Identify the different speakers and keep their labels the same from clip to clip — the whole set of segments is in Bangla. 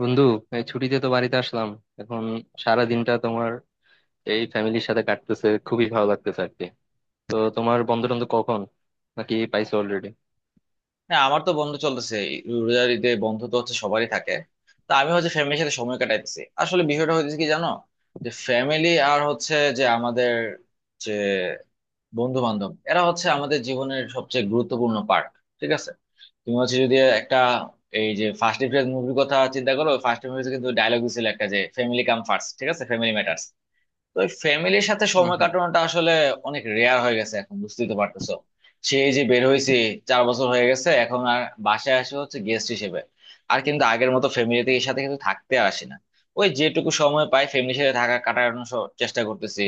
Speaker 1: বন্ধু, এই ছুটিতে তো বাড়িতে আসলাম। এখন সারা দিনটা তোমার এই ফ্যামিলির সাথে কাটতেছে, খুবই ভালো লাগতেছে আর কি। তো তোমার বন্ধ টন্ধ কখন, নাকি পাইছো অলরেডি?
Speaker 2: হ্যাঁ, আমার তো বন্ধ চলতেছে। এই রোজার ঈদে বন্ধ তো হচ্ছে, সবারই থাকে। তা আমি হচ্ছে ফ্যামিলির সাথে সময় কাটাইতেছি। আসলে বিষয়টা হচ্ছে কি জানো, যে ফ্যামিলি আর হচ্ছে যে আমাদের যে বন্ধু বান্ধব, এরা হচ্ছে আমাদের জীবনের সবচেয়ে গুরুত্বপূর্ণ পার্ট। ঠিক আছে? তুমি হচ্ছে যদি একটা এই যে ফার্স্ট এপ্রিল মুভির কথা চিন্তা করো, ফার্স্ট এপ্রিল কিন্তু ডায়লগ দিছিল একটা, যে ফ্যামিলি কাম ফার্স্ট, ঠিক আছে, ফ্যামিলি ম্যাটার্স। তো ফ্যামিলির সাথে
Speaker 1: হম।
Speaker 2: সময়
Speaker 1: হম।
Speaker 2: কাটানোটা আসলে অনেক রেয়ার হয়ে গেছে এখন, বুঝতেই তো পারতেছো। সেই যে বের হয়েছি, চার বছর হয়ে গেছে এখন। আর বাসায় আসে হচ্ছে গেস্ট হিসেবে, আর কিন্তু আগের মতো ফ্যামিলির সাথে কিন্তু থাকতে আর আসি না। ওই যেটুকু সময় পাই ফ্যামিলির সাথে থাকা কাটানোর চেষ্টা করতেছি।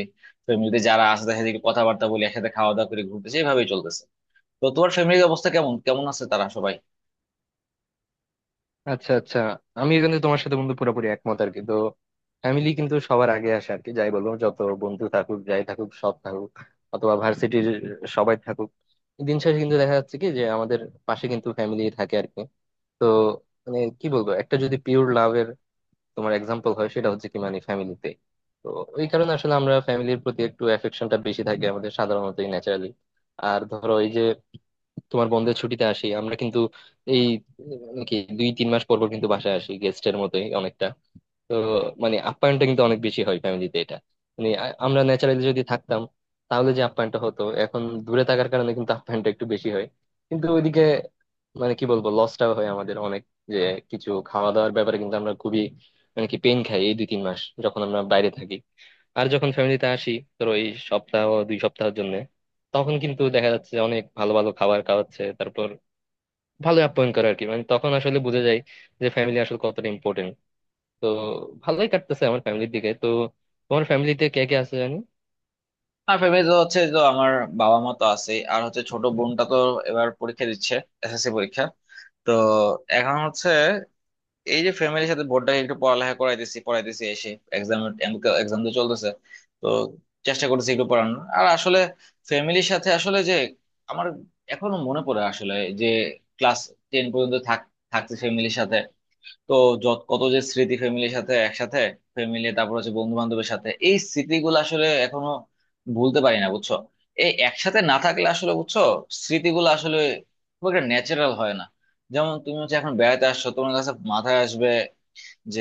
Speaker 2: ফ্যামিলিতে যারা আছে তাদের সাথে একটু কথাবার্তা বলি, একসাথে খাওয়া দাওয়া করে ঘুরতেছি, এভাবেই চলতেছে। তো তোমার ফ্যামিলির অবস্থা কেমন? কেমন আছে তারা সবাই?
Speaker 1: আচ্ছা, আচ্ছা। আমি কিন্তু তোমার সাথে বন্ধু পুরোপুরি একমত আর কি। তো ফ্যামিলি কিন্তু সবার আগে আসে আর কি, যাই বলো, যত বন্ধু থাকুক, যাই থাকুক, সৎ থাকুক অথবা ভার্সিটির, সবাই থাকুক, দিন শেষে কিন্তু দেখা যাচ্ছে কি যে আমাদের পাশে কিন্তু ফ্যামিলি থাকে আর কি। তো মানে কি বলবো, একটা যদি পিওর লাভের তোমার এক্সাম্পল হয়, সেটা হচ্ছে কি মানে ফ্যামিলিতে। তো ওই কারণে আসলে আমরা ফ্যামিলির প্রতি একটু অ্যাফেকশনটা বেশি থাকে আমাদের, সাধারণত ন্যাচারালি। আর ধরো এই যে তোমার বন্ধের ছুটিতে আসি আমরা কিন্তু এই কি দুই তিন মাস পর পর কিন্তু বাসায় আসি গেস্টের মতোই অনেকটা। তো মানে আপ্যায়নটা কিন্তু অনেক বেশি হয় ফ্যামিলিতে এটা, মানে আমরা ন্যাচারালি যদি থাকতাম, তাহলে যে আপ্যায়নটা হতো, এখন দূরে থাকার কারণে কিন্তু আপ্যায়নটা একটু বেশি হয়। কিন্তু ওইদিকে মানে কি বলবো লসটাও হয় আমাদের অনেক, যে কিছু খাওয়া দাওয়ার ব্যাপারে কিন্তু আমরা খুবই মানে কি পেন খাই এই দুই তিন মাস যখন আমরা বাইরে থাকি। আর যখন ফ্যামিলিতে আসি ধরো এই সপ্তাহ দুই সপ্তাহের জন্য, তখন কিন্তু দেখা যাচ্ছে অনেক ভালো ভালো খাবার খাওয়াচ্ছে, তারপর ভালো আপ্যায়ন করে আর কি। মানে তখন আসলে বুঝে যায় যে ফ্যামিলি আসলে কতটা ইম্পর্টেন্ট। তো ভালোই কাটতেছে আমার ফ্যামিলির দিকে। তো তোমার ফ্যামিলিতে কে কে আছে জানি?
Speaker 2: আর ফ্যামিলি তো হচ্ছে তো আমার বাবা মা তো আছে, আর হচ্ছে ছোট বোনটা তো এবার পরীক্ষা দিচ্ছে, এসএসসি পরীক্ষা। তো এখন হচ্ছে এই যে ফ্যামিলির সাথে বোর্ডটা একটু পড়ালেখা করাইতেছি, পড়াইতেছি। এক্সাম, এক্সাম তো চলতেছে। তো চেষ্টা করতেছি একটু পড়ানোর। আর আসলে ফ্যামিলির সাথে আসলে যে আমার এখনো মনে পড়ে আসলে, যে ক্লাস টেন পর্যন্ত থাকছি ফ্যামিলির সাথে। তো যত কত যে স্মৃতি ফ্যামিলির সাথে একসাথে ফ্যামিলি, তারপর হচ্ছে বন্ধু বান্ধবের সাথে, এই স্মৃতিগুলো আসলে এখনো ভুলতে পারি না, বুঝছো? এই একসাথে না থাকলে আসলে বুঝছো স্মৃতিগুলো আসলে খুব একটা ন্যাচারাল হয় না। যেমন তুমি হচ্ছে এখন বেড়াতে আসছো, তোমার কাছে মাথায় আসবে যে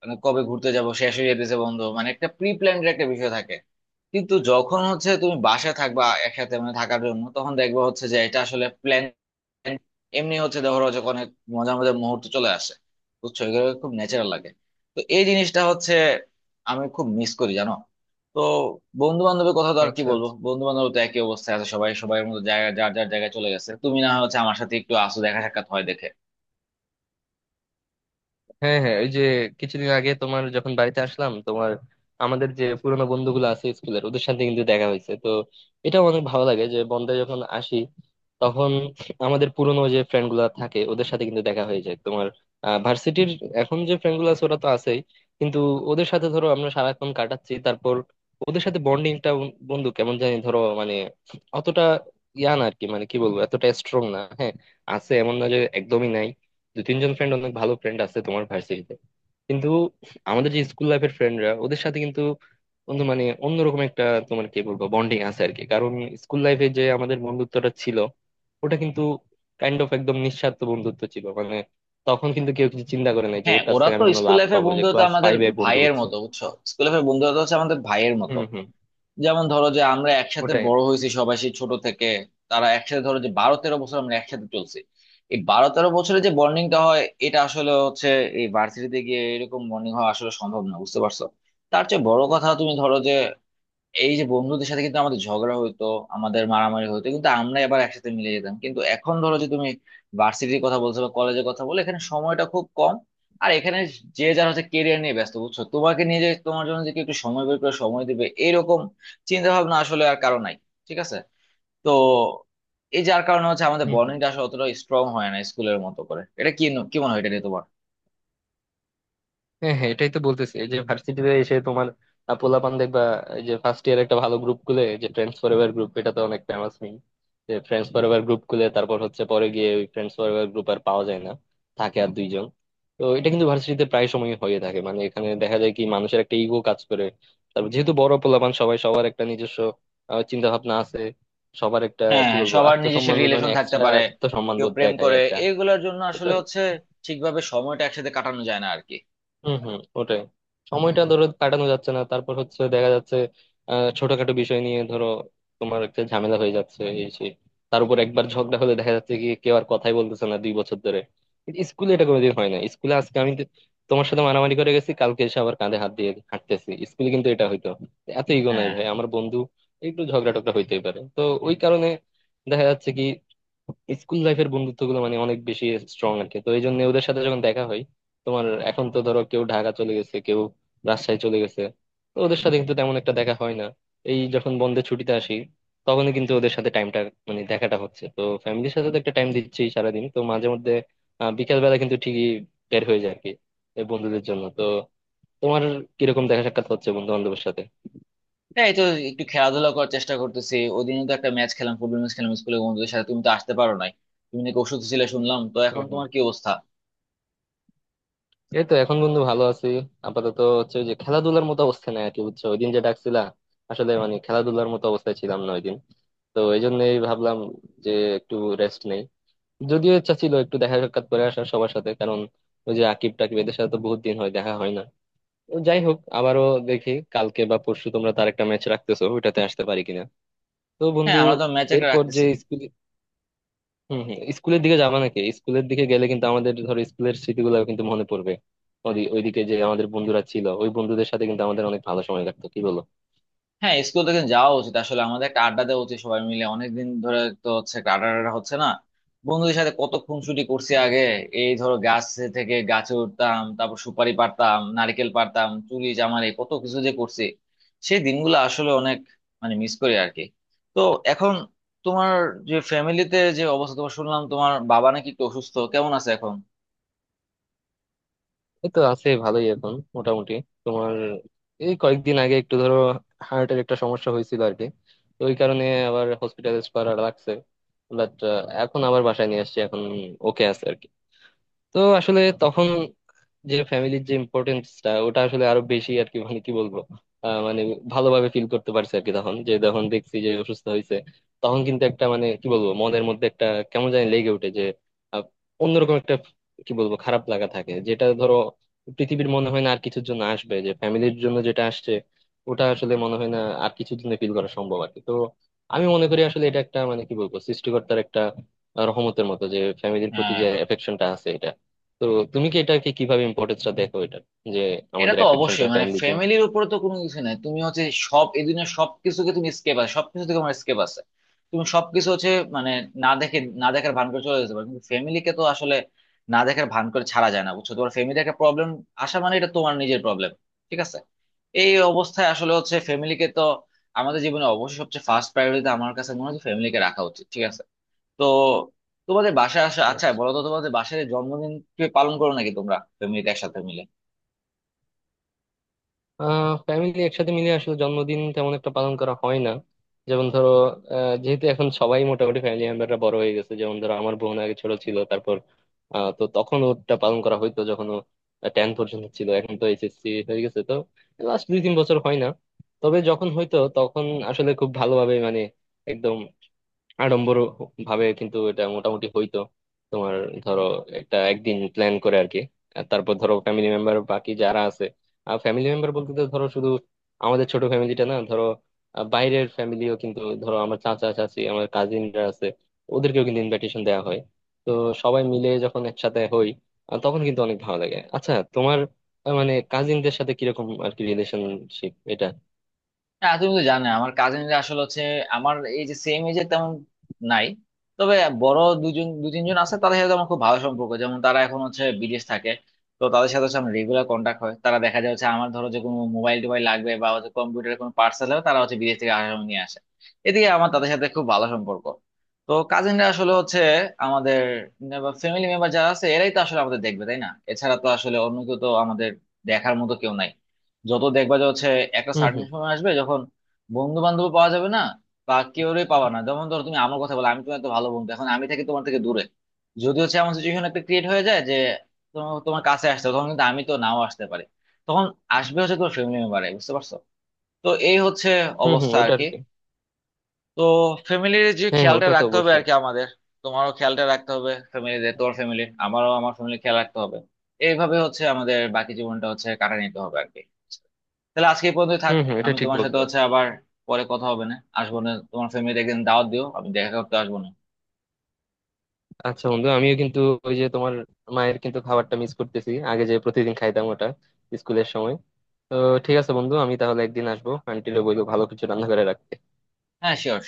Speaker 2: মানে কবে ঘুরতে যাব, শেষ হয়ে যেতেছে বন্ধ, মানে একটা প্রি প্ল্যান্ড একটা বিষয় থাকে। কিন্তু যখন হচ্ছে তুমি বাসায় থাকবা একসাথে মানে থাকার জন্য, তখন দেখবা হচ্ছে যে এটা আসলে প্ল্যান এমনি হচ্ছে, ধরো যে অনেক মজার মজার মুহূর্ত চলে আসে, বুঝছো, এগুলো খুব ন্যাচারাল লাগে। তো এই জিনিসটা হচ্ছে আমি খুব মিস করি, জানো। তো বন্ধু বান্ধবের কথা তো আর কি
Speaker 1: আচ্ছা।
Speaker 2: বলবো, বন্ধু বান্ধব তো একই অবস্থায় আছে সবাই, সবাই মতো জায়গা যার যার জায়গায় চলে গেছে। তুমি না হয় হচ্ছে আমার সাথে একটু আসো, দেখা সাক্ষাৎ হয় দেখে।
Speaker 1: হ্যাঁ, হ্যাঁ, ওই যে কিছুদিন আগে তোমার যখন বাড়িতে আসলাম, তোমার আমাদের যে পুরোনো বন্ধুগুলো আছে স্কুলের, ওদের সাথে কিন্তু দেখা হয়েছে। তো এটা অনেক ভালো লাগে যে বন্ধে যখন আসি, তখন আমাদের পুরোনো যে ফ্রেন্ড গুলা থাকে ওদের সাথে কিন্তু দেখা হয়ে যায়। তোমার ভার্সিটির এখন যে ফ্রেন্ড গুলো আছে ওরা তো আছেই, কিন্তু ওদের সাথে ধরো আমরা সারাক্ষণ কাটাচ্ছি, তারপর ওদের সাথে বন্ডিংটা বন্ধু কেমন জানি ধরো মানে অতটা ইয়া না আর কি। মানে কি বলবো এতটা স্ট্রং না। হ্যাঁ, আছে, এমন না যে একদমই নাই। দু তিনজন ফ্রেন্ড অনেক ভালো ফ্রেন্ড আছে তোমার ভার্সিটিতে, কিন্তু আমাদের যে স্কুল লাইফের ফ্রেন্ডরা ওদের সাথে কিন্তু বন্ধু মানে অন্যরকম একটা তোমার কি বলবো বন্ডিং আছে আর কি। কারণ স্কুল লাইফে যে আমাদের বন্ধুত্বটা ছিল, ওটা কিন্তু কাইন্ড অফ একদম নিঃস্বার্থ বন্ধুত্ব ছিল। মানে তখন কিন্তু কেউ কিছু চিন্তা করে নাই যে
Speaker 2: হ্যাঁ,
Speaker 1: ওর কাছ
Speaker 2: ওরা
Speaker 1: থেকে
Speaker 2: তো
Speaker 1: আমি কোনো
Speaker 2: স্কুল
Speaker 1: লাভ
Speaker 2: লাইফের
Speaker 1: পাবো, যে
Speaker 2: বন্ধুত্ব
Speaker 1: ক্লাস
Speaker 2: আমাদের
Speaker 1: ফাইভে বন্ধু
Speaker 2: ভাইয়ের
Speaker 1: হচ্ছে।
Speaker 2: মতো, বুঝছো? স্কুল লাইফের বন্ধুত্ব হচ্ছে আমাদের ভাইয়ের মতো।
Speaker 1: হুম, হুম,
Speaker 2: যেমন ধরো যে আমরা একসাথে
Speaker 1: ওটাই।
Speaker 2: বড় হয়েছি সবাই সেই ছোট থেকে। তারা একসাথে ধরো যে 12 13 বছর আমরা একসাথে চলছি। এই 12 13 বছরে যে বন্ডিংটা হয় এটা আসলে হচ্ছে, এই ভার্সিটিতে গিয়ে এরকম বন্ডিং হওয়া আসলে সম্ভব না, বুঝতে পারছো? তার চেয়ে বড় কথা, তুমি ধরো যে এই যে বন্ধুদের সাথে কিন্তু আমাদের ঝগড়া হইতো, আমাদের মারামারি হইতো, কিন্তু আমরা আবার একসাথে মিলে যেতাম। কিন্তু এখন ধরো যে তুমি ভার্সিটির কথা বলছো বা কলেজের কথা বলে, এখানে সময়টা খুব কম। আর এখানে যে যার হচ্ছে কেরিয়ার নিয়ে ব্যস্ত, বুঝছো? তোমাকে নিয়ে, যে তোমার জন্য যে কেউ একটু সময় বের করে সময় দিবে, এরকম চিন্তা ভাবনা আসলে আর কারো নাই, ঠিক আছে? তো এই যার কারণে হচ্ছে আমাদের
Speaker 1: হুম, হুম।
Speaker 2: বন্ডিংটা আসলে অতটা স্ট্রং হয় না স্কুলের মতো করে। এটা কি, কি মনে হয় এটা নিয়ে তোমার?
Speaker 1: হ্যাঁ, হ্যাঁ, এটাই তো বলতেছি এই যে ভার্সিটিতে এসে তোমার পোলাপান দেখবা এই যে ফার্স্ট ইয়ার একটা ভালো গ্রুপ খুলে যে ফ্রেন্ডস ফরএভার গ্রুপ, এটা তো অনেক ফেমাস নেই? যে ফ্রেন্ডস ফরএভার গ্রুপ খুলে তারপর হচ্ছে পরে গিয়ে ওই ফ্রেন্ডস ফরএভার গ্রুপ আর পাওয়া যায় না, থাকে আর দুইজন। তো এটা কিন্তু ভার্সিটিতে প্রায় সময় হয়ে থাকে। মানে এখানে দেখা যায় কি, মানুষের একটা ইগো কাজ করে, তারপর যেহেতু বড় পোলাপান, সবাই সবার একটা নিজস্ব চিন্তা ভাবনা আছে, সবার একটা
Speaker 2: হ্যাঁ,
Speaker 1: কি
Speaker 2: হ্যাঁ,
Speaker 1: বলবো
Speaker 2: সবার নিজস্ব
Speaker 1: আত্মসম্মান বোধ, মানে
Speaker 2: রিলেশন থাকতে
Speaker 1: এক্সট্রা
Speaker 2: পারে,
Speaker 1: আত্মসম্মান
Speaker 2: কেউ
Speaker 1: বোধ
Speaker 2: প্রেম
Speaker 1: দেখায়
Speaker 2: করে,
Speaker 1: একটা।
Speaker 2: এগুলোর জন্য আসলে হচ্ছে ঠিকভাবে সময়টা একসাথে কাটানো যায় না আর কি।
Speaker 1: হম, হম, ওটাই। সময়টা ধরো কাটানো যাচ্ছে না, তারপর হচ্ছে দেখা যাচ্ছে ছোটখাটো বিষয় নিয়ে ধরো তোমার একটা ঝামেলা হয়ে যাচ্ছে এই সেই। তার উপর একবার ঝগড়া হলে দেখা যাচ্ছে কি কেউ আর কথাই বলতেছে না দুই বছর ধরে। স্কুলে এটা কোনোদিন হয় না। স্কুলে আজকে তোমার সাথে মারামারি করে গেছি, কালকে এসে আবার কাঁধে হাত দিয়ে হাঁটতেছি, স্কুলে কিন্তু এটা হইতো। এত ইগো নাই
Speaker 2: হ্যাঁ,
Speaker 1: ভাই আমার বন্ধু, একটু ঝগড়া টগড়া হইতেই পারে। তো ওই কারণে দেখা যাচ্ছে কি স্কুল লাইফের বন্ধুত্ব গুলো মানে অনেক বেশি স্ট্রং আর কি। তো এই জন্য ওদের সাথে যখন দেখা হয়, তোমার এখন তো ধরো কেউ ঢাকা চলে গেছে, কেউ রাজশাহী চলে গেছে, তো ওদের সাথে কিন্তু তেমন একটা দেখা হয় না। এই যখন বন্ধের ছুটিতে আসি তখনই কিন্তু ওদের সাথে টাইমটা মানে দেখাটা হচ্ছে। তো ফ্যামিলির সাথে তো একটা টাইম দিচ্ছি সারাদিন, তো মাঝে মধ্যে বিকেল বেলা কিন্তু ঠিকই বের হয়ে যায় আর কি এই বন্ধুদের জন্য। তো তোমার কিরকম দেখা সাক্ষাৎ হচ্ছে বন্ধু বান্ধবের সাথে?
Speaker 2: হ্যাঁ, এই তো একটু খেলাধুলা করার চেষ্টা করতেছি, ওদিনও তো একটা ম্যাচ খেলাম, ফুটবল ম্যাচ খেলাম স্কুলে বন্ধুদের সাথে, তুমি তো আসতে পারো নাই। তুমি নাকি ওষুধ ছিলে শুনলাম, তো এখন
Speaker 1: হম।
Speaker 2: তোমার কি অবস্থা?
Speaker 1: এই তো এখন বন্ধু ভালো আছি। আপাতত হচ্ছে ওই যে খেলাধুলার মতো অবস্থা নাই আর কি, বুঝছো, ওই দিন যে ডাকছিলা, আসলে মানে খেলাধুলার মতো অবস্থায় ছিলাম না ওই দিন। তো এই জন্যই ভাবলাম যে একটু রেস্ট নেই। যদিও ইচ্ছা ছিল একটু দেখা সাক্ষাৎ করে আসার সবার সাথে, কারণ ওই যে আকিব টাকিব এদের সাথে তো বহুত দিন হয় দেখা হয় না। তো যাই হোক, আবারও দেখি কালকে বা পরশু তোমরা তার একটা ম্যাচ রাখতেছো, ওইটাতে আসতে পারি কিনা। তো
Speaker 2: হ্যাঁ,
Speaker 1: বন্ধু,
Speaker 2: আমরা তো ম্যাচ একটা
Speaker 1: এরপর যে
Speaker 2: রাখতেছি।
Speaker 1: হম, হম, স্কুলের দিকে যাবা নাকি? স্কুলের দিকে গেলে কিন্তু আমাদের ধরো স্কুলের স্মৃতিগুলো কিন্তু মনে পড়বে। ওইদিকে যে আমাদের বন্ধুরা ছিল, ওই বন্ধুদের সাথে কিন্তু আমাদের অনেক ভালো সময় কাটতো, কি বলো?
Speaker 2: হ্যাঁ, স্কুল থেকে যাওয়া উচিত আসলে, আমাদের একটা আড্ডা দেওয়া উচিত সবাই মিলে, অনেকদিন ধরে তো হচ্ছে একটা আড্ডা টাড্ডা হচ্ছে না। বন্ধুদের সাথে কত খুনসুটি করছি আগে, এই ধরো গাছ থেকে গাছে উঠতাম, তারপর সুপারি পারতাম, নারকেল পারতাম, চুরি চামারি কত কিছু যে করছি। সেই দিনগুলো আসলে অনেক মানে মিস করি আর কি। তো এখন তোমার যে ফ্যামিলিতে যে অবস্থা, তোমার শুনলাম তোমার বাবা নাকি একটু অসুস্থ, কেমন আছে এখন?
Speaker 1: এই তো আছে, ভালোই এখন মোটামুটি। তোমার এই কয়েকদিন আগে একটু ধরো হার্টের একটা সমস্যা হয়েছিল আর কি। তো ওই কারণে আবার হসপিটালাইজ করা লাগছে। বাট এখন আবার বাসায় নিয়ে আসছি, এখন ওকে আছে আর কি। তো আসলে তখন যে ফ্যামিলির যে ইম্পর্টেন্সটা, ওটা আসলে আরো বেশি আর কি। মানে কি বলবো, মানে ভালোভাবে ফিল করতে পারছে আর কি তখন, যে যখন দেখছি যে অসুস্থ হয়েছে তখন কিন্তু একটা মানে কি বলবো মনের মধ্যে একটা কেমন জানি লেগে ওঠে যে আহ, অন্যরকম একটা কি বলবো খারাপ লাগা থাকে, যেটা ধরো পৃথিবীর মনে হয় না আর কিছুর জন্য আসবে, যে ফ্যামিলির জন্য যেটা আসছে ওটা আসলে মনে হয় না আর কিছুর জন্য ফিল করা সম্ভব আর কি। তো আমি মনে করি আসলে এটা একটা মানে কি বলবো সৃষ্টিকর্তার একটা রহমতের মতো যে ফ্যামিলির প্রতি
Speaker 2: হ্যাঁ,
Speaker 1: যে এফেকশনটা আছে এটা। তো তুমি কি এটাকে কিভাবে ইম্পর্টেন্সটা দেখো এটা, যে
Speaker 2: এটা
Speaker 1: আমাদের
Speaker 2: তো
Speaker 1: অ্যাফেকশনটা
Speaker 2: অবশ্যই, মানে
Speaker 1: ফ্যামিলির জন্য?
Speaker 2: ফ্যামিলির উপরে তো কোনো কিছু নাই। তুমি হচ্ছে সব এই দুনিয়ার সবকিছুকে তুমি স্কেপ আছে, সবকিছু থেকে আমার স্কেপ আছে, তুমি সবকিছু হচ্ছে মানে না দেখে, না দেখার ভান করে চলে যেতে পারো। কিন্তু ফ্যামিলিকে তো আসলে না দেখার ভান করে ছাড়া যায় না, বুঝছো? তোমার ফ্যামিলি একটা প্রবলেম আসা মানে এটা তোমার নিজের প্রবলেম, ঠিক আছে? এই অবস্থায় আসলে হচ্ছে ফ্যামিলিকে তো আমাদের জীবনে অবশ্যই সবচেয়ে ফার্স্ট প্রায়োরিটিতে আমার কাছে মনে হয় ফ্যামিলিকে রাখা উচিত, ঠিক আছে? তো তোমাদের বাসায় আসা, আচ্ছা বলো তো, তোমাদের বাসায় জন্মদিন কি পালন করো নাকি তোমরা ফ্যামিলিতে একসাথে মিলে?
Speaker 1: ফ্যামিলি একসাথে মিলে আসলে জন্মদিন তেমন একটা পালন করা হয় না। যেমন ধরো যেহেতু এখন সবাই মোটামুটি ফ্যামিলি মেম্বাররা বড় হয়ে গেছে, যেমন ধরো আমার বোন আগে ছোট ছিল, তারপর তো তখন ওটা পালন করা হইতো যখন ও টেন পর্যন্ত ছিল। এখন তো এইচএসসি হয়ে গেছে, তো লাস্ট দুই তিন বছর হয় না। তবে যখন হইতো তখন আসলে খুব ভালোভাবে মানে একদম আড়ম্বর ভাবে কিন্তু এটা মোটামুটি হইতো। তোমার ধরো একটা একদিন প্ল্যান করে আর কি, আর তারপর ধরো ফ্যামিলি মেম্বার বাকি যারা আছে, আর ফ্যামিলি মেম্বার বলতে তো ধরো শুধু আমাদের ছোট ফ্যামিলিটা না, ধরো বাইরের ফ্যামিলিও কিন্তু ধরো আমার চাচা চাচি আমার কাজিনরা আছে, ওদেরকেও কিন্তু ইনভাইটেশন দেওয়া হয়। তো সবাই মিলে যখন একসাথে হই তখন কিন্তু অনেক ভালো লাগে। আচ্ছা তোমার মানে কাজিনদের সাথে কিরকম আর কি রিলেশনশিপ এটা?
Speaker 2: হ্যাঁ, তুমি তো জানো আমার কাজিনরা আসলে হচ্ছে আমার এই যে সেম এজে তেমন নাই। তবে বড় দুজন, দু তিনজন আছে, তাদের সাথে আমার খুব ভালো সম্পর্ক। যেমন তারা এখন হচ্ছে বিদেশ থাকে, তো তাদের সাথে হচ্ছে আমার রেগুলার কন্ট্যাক্ট হয়। তারা দেখা যায় হচ্ছে আমার ধরো যে কোনো মোবাইল টোবাইল লাগবে বা হচ্ছে কম্পিউটারের কোনো পার্সেল হবে, তারা হচ্ছে বিদেশ থেকে আসার সময় নিয়ে আসে। এদিকে আমার তাদের সাথে খুব ভালো সম্পর্ক। তো কাজিনরা আসলে হচ্ছে আমাদের ফ্যামিলি মেম্বার যারা আছে, এরাই তো আসলে আমাদের দেখবে, তাই না? এছাড়া তো আসলে অন্য কেউ তো আমাদের দেখার মতো কেউ নাই। যত দেখবা যে হচ্ছে একটা
Speaker 1: হম,
Speaker 2: সার্টেন
Speaker 1: হম।
Speaker 2: সময় আসবে যখন বন্ধু বান্ধব পাওয়া যাবে না, বা কেউরে পাওয়া না। যেমন ধরো তুমি আমার কথা বলো, আমি তোমার এত ভালো বন্ধু, এখন আমি থাকি তোমার থেকে দূরে। যদি হচ্ছে এমন সিচুয়েশন একটা ক্রিয়েট হয়ে যায় যে তোমার তোমার কাছে আসতে হবে, তখন কিন্তু আমি তো নাও আসতে পারি। তখন আসবে হচ্ছে তোমার ফ্যামিলি মেম্বারে, বুঝতে পারছো? তো এই হচ্ছে
Speaker 1: হম, হম,
Speaker 2: অবস্থা আর
Speaker 1: ওটা আর
Speaker 2: কি।
Speaker 1: কি।
Speaker 2: তো ফ্যামিলির যে
Speaker 1: হ্যাঁ, হ্যাঁ,
Speaker 2: খেয়ালটা
Speaker 1: ওটা তো
Speaker 2: রাখতে হবে আর
Speaker 1: অবশ্যই।
Speaker 2: কি আমাদের, তোমারও খেয়ালটা রাখতে হবে ফ্যামিলির, তোমার ফ্যামিলি আমারও, আমার ফ্যামিলি খেয়াল রাখতে হবে। এইভাবে হচ্ছে আমাদের বাকি জীবনটা হচ্ছে কাটা নিতে হবে আর কি। তাহলে আজকে এই পর্যন্ত থাক।
Speaker 1: হম, হম, এটা
Speaker 2: আমি
Speaker 1: ঠিক
Speaker 2: তোমার সাথে
Speaker 1: বলছো।
Speaker 2: হচ্ছে আবার পরে কথা হবে। না আসবো না, তোমার ফ্যামিলি একদিন দাওয়াত দিও, আমি দেখা করতে আসবো না।
Speaker 1: আচ্ছা বন্ধু, আমিও কিন্তু ওই যে তোমার মায়ের কিন্তু খাবারটা মিস করতেছি, আগে যে প্রতিদিন খাইতাম ওটা স্কুলের সময়। তো ঠিক আছে বন্ধু, আমি তাহলে একদিন আসবো, আন্টিরে বলবো ভালো কিছু রান্না করে রাখতে।
Speaker 2: হ্যাঁ, শিওর।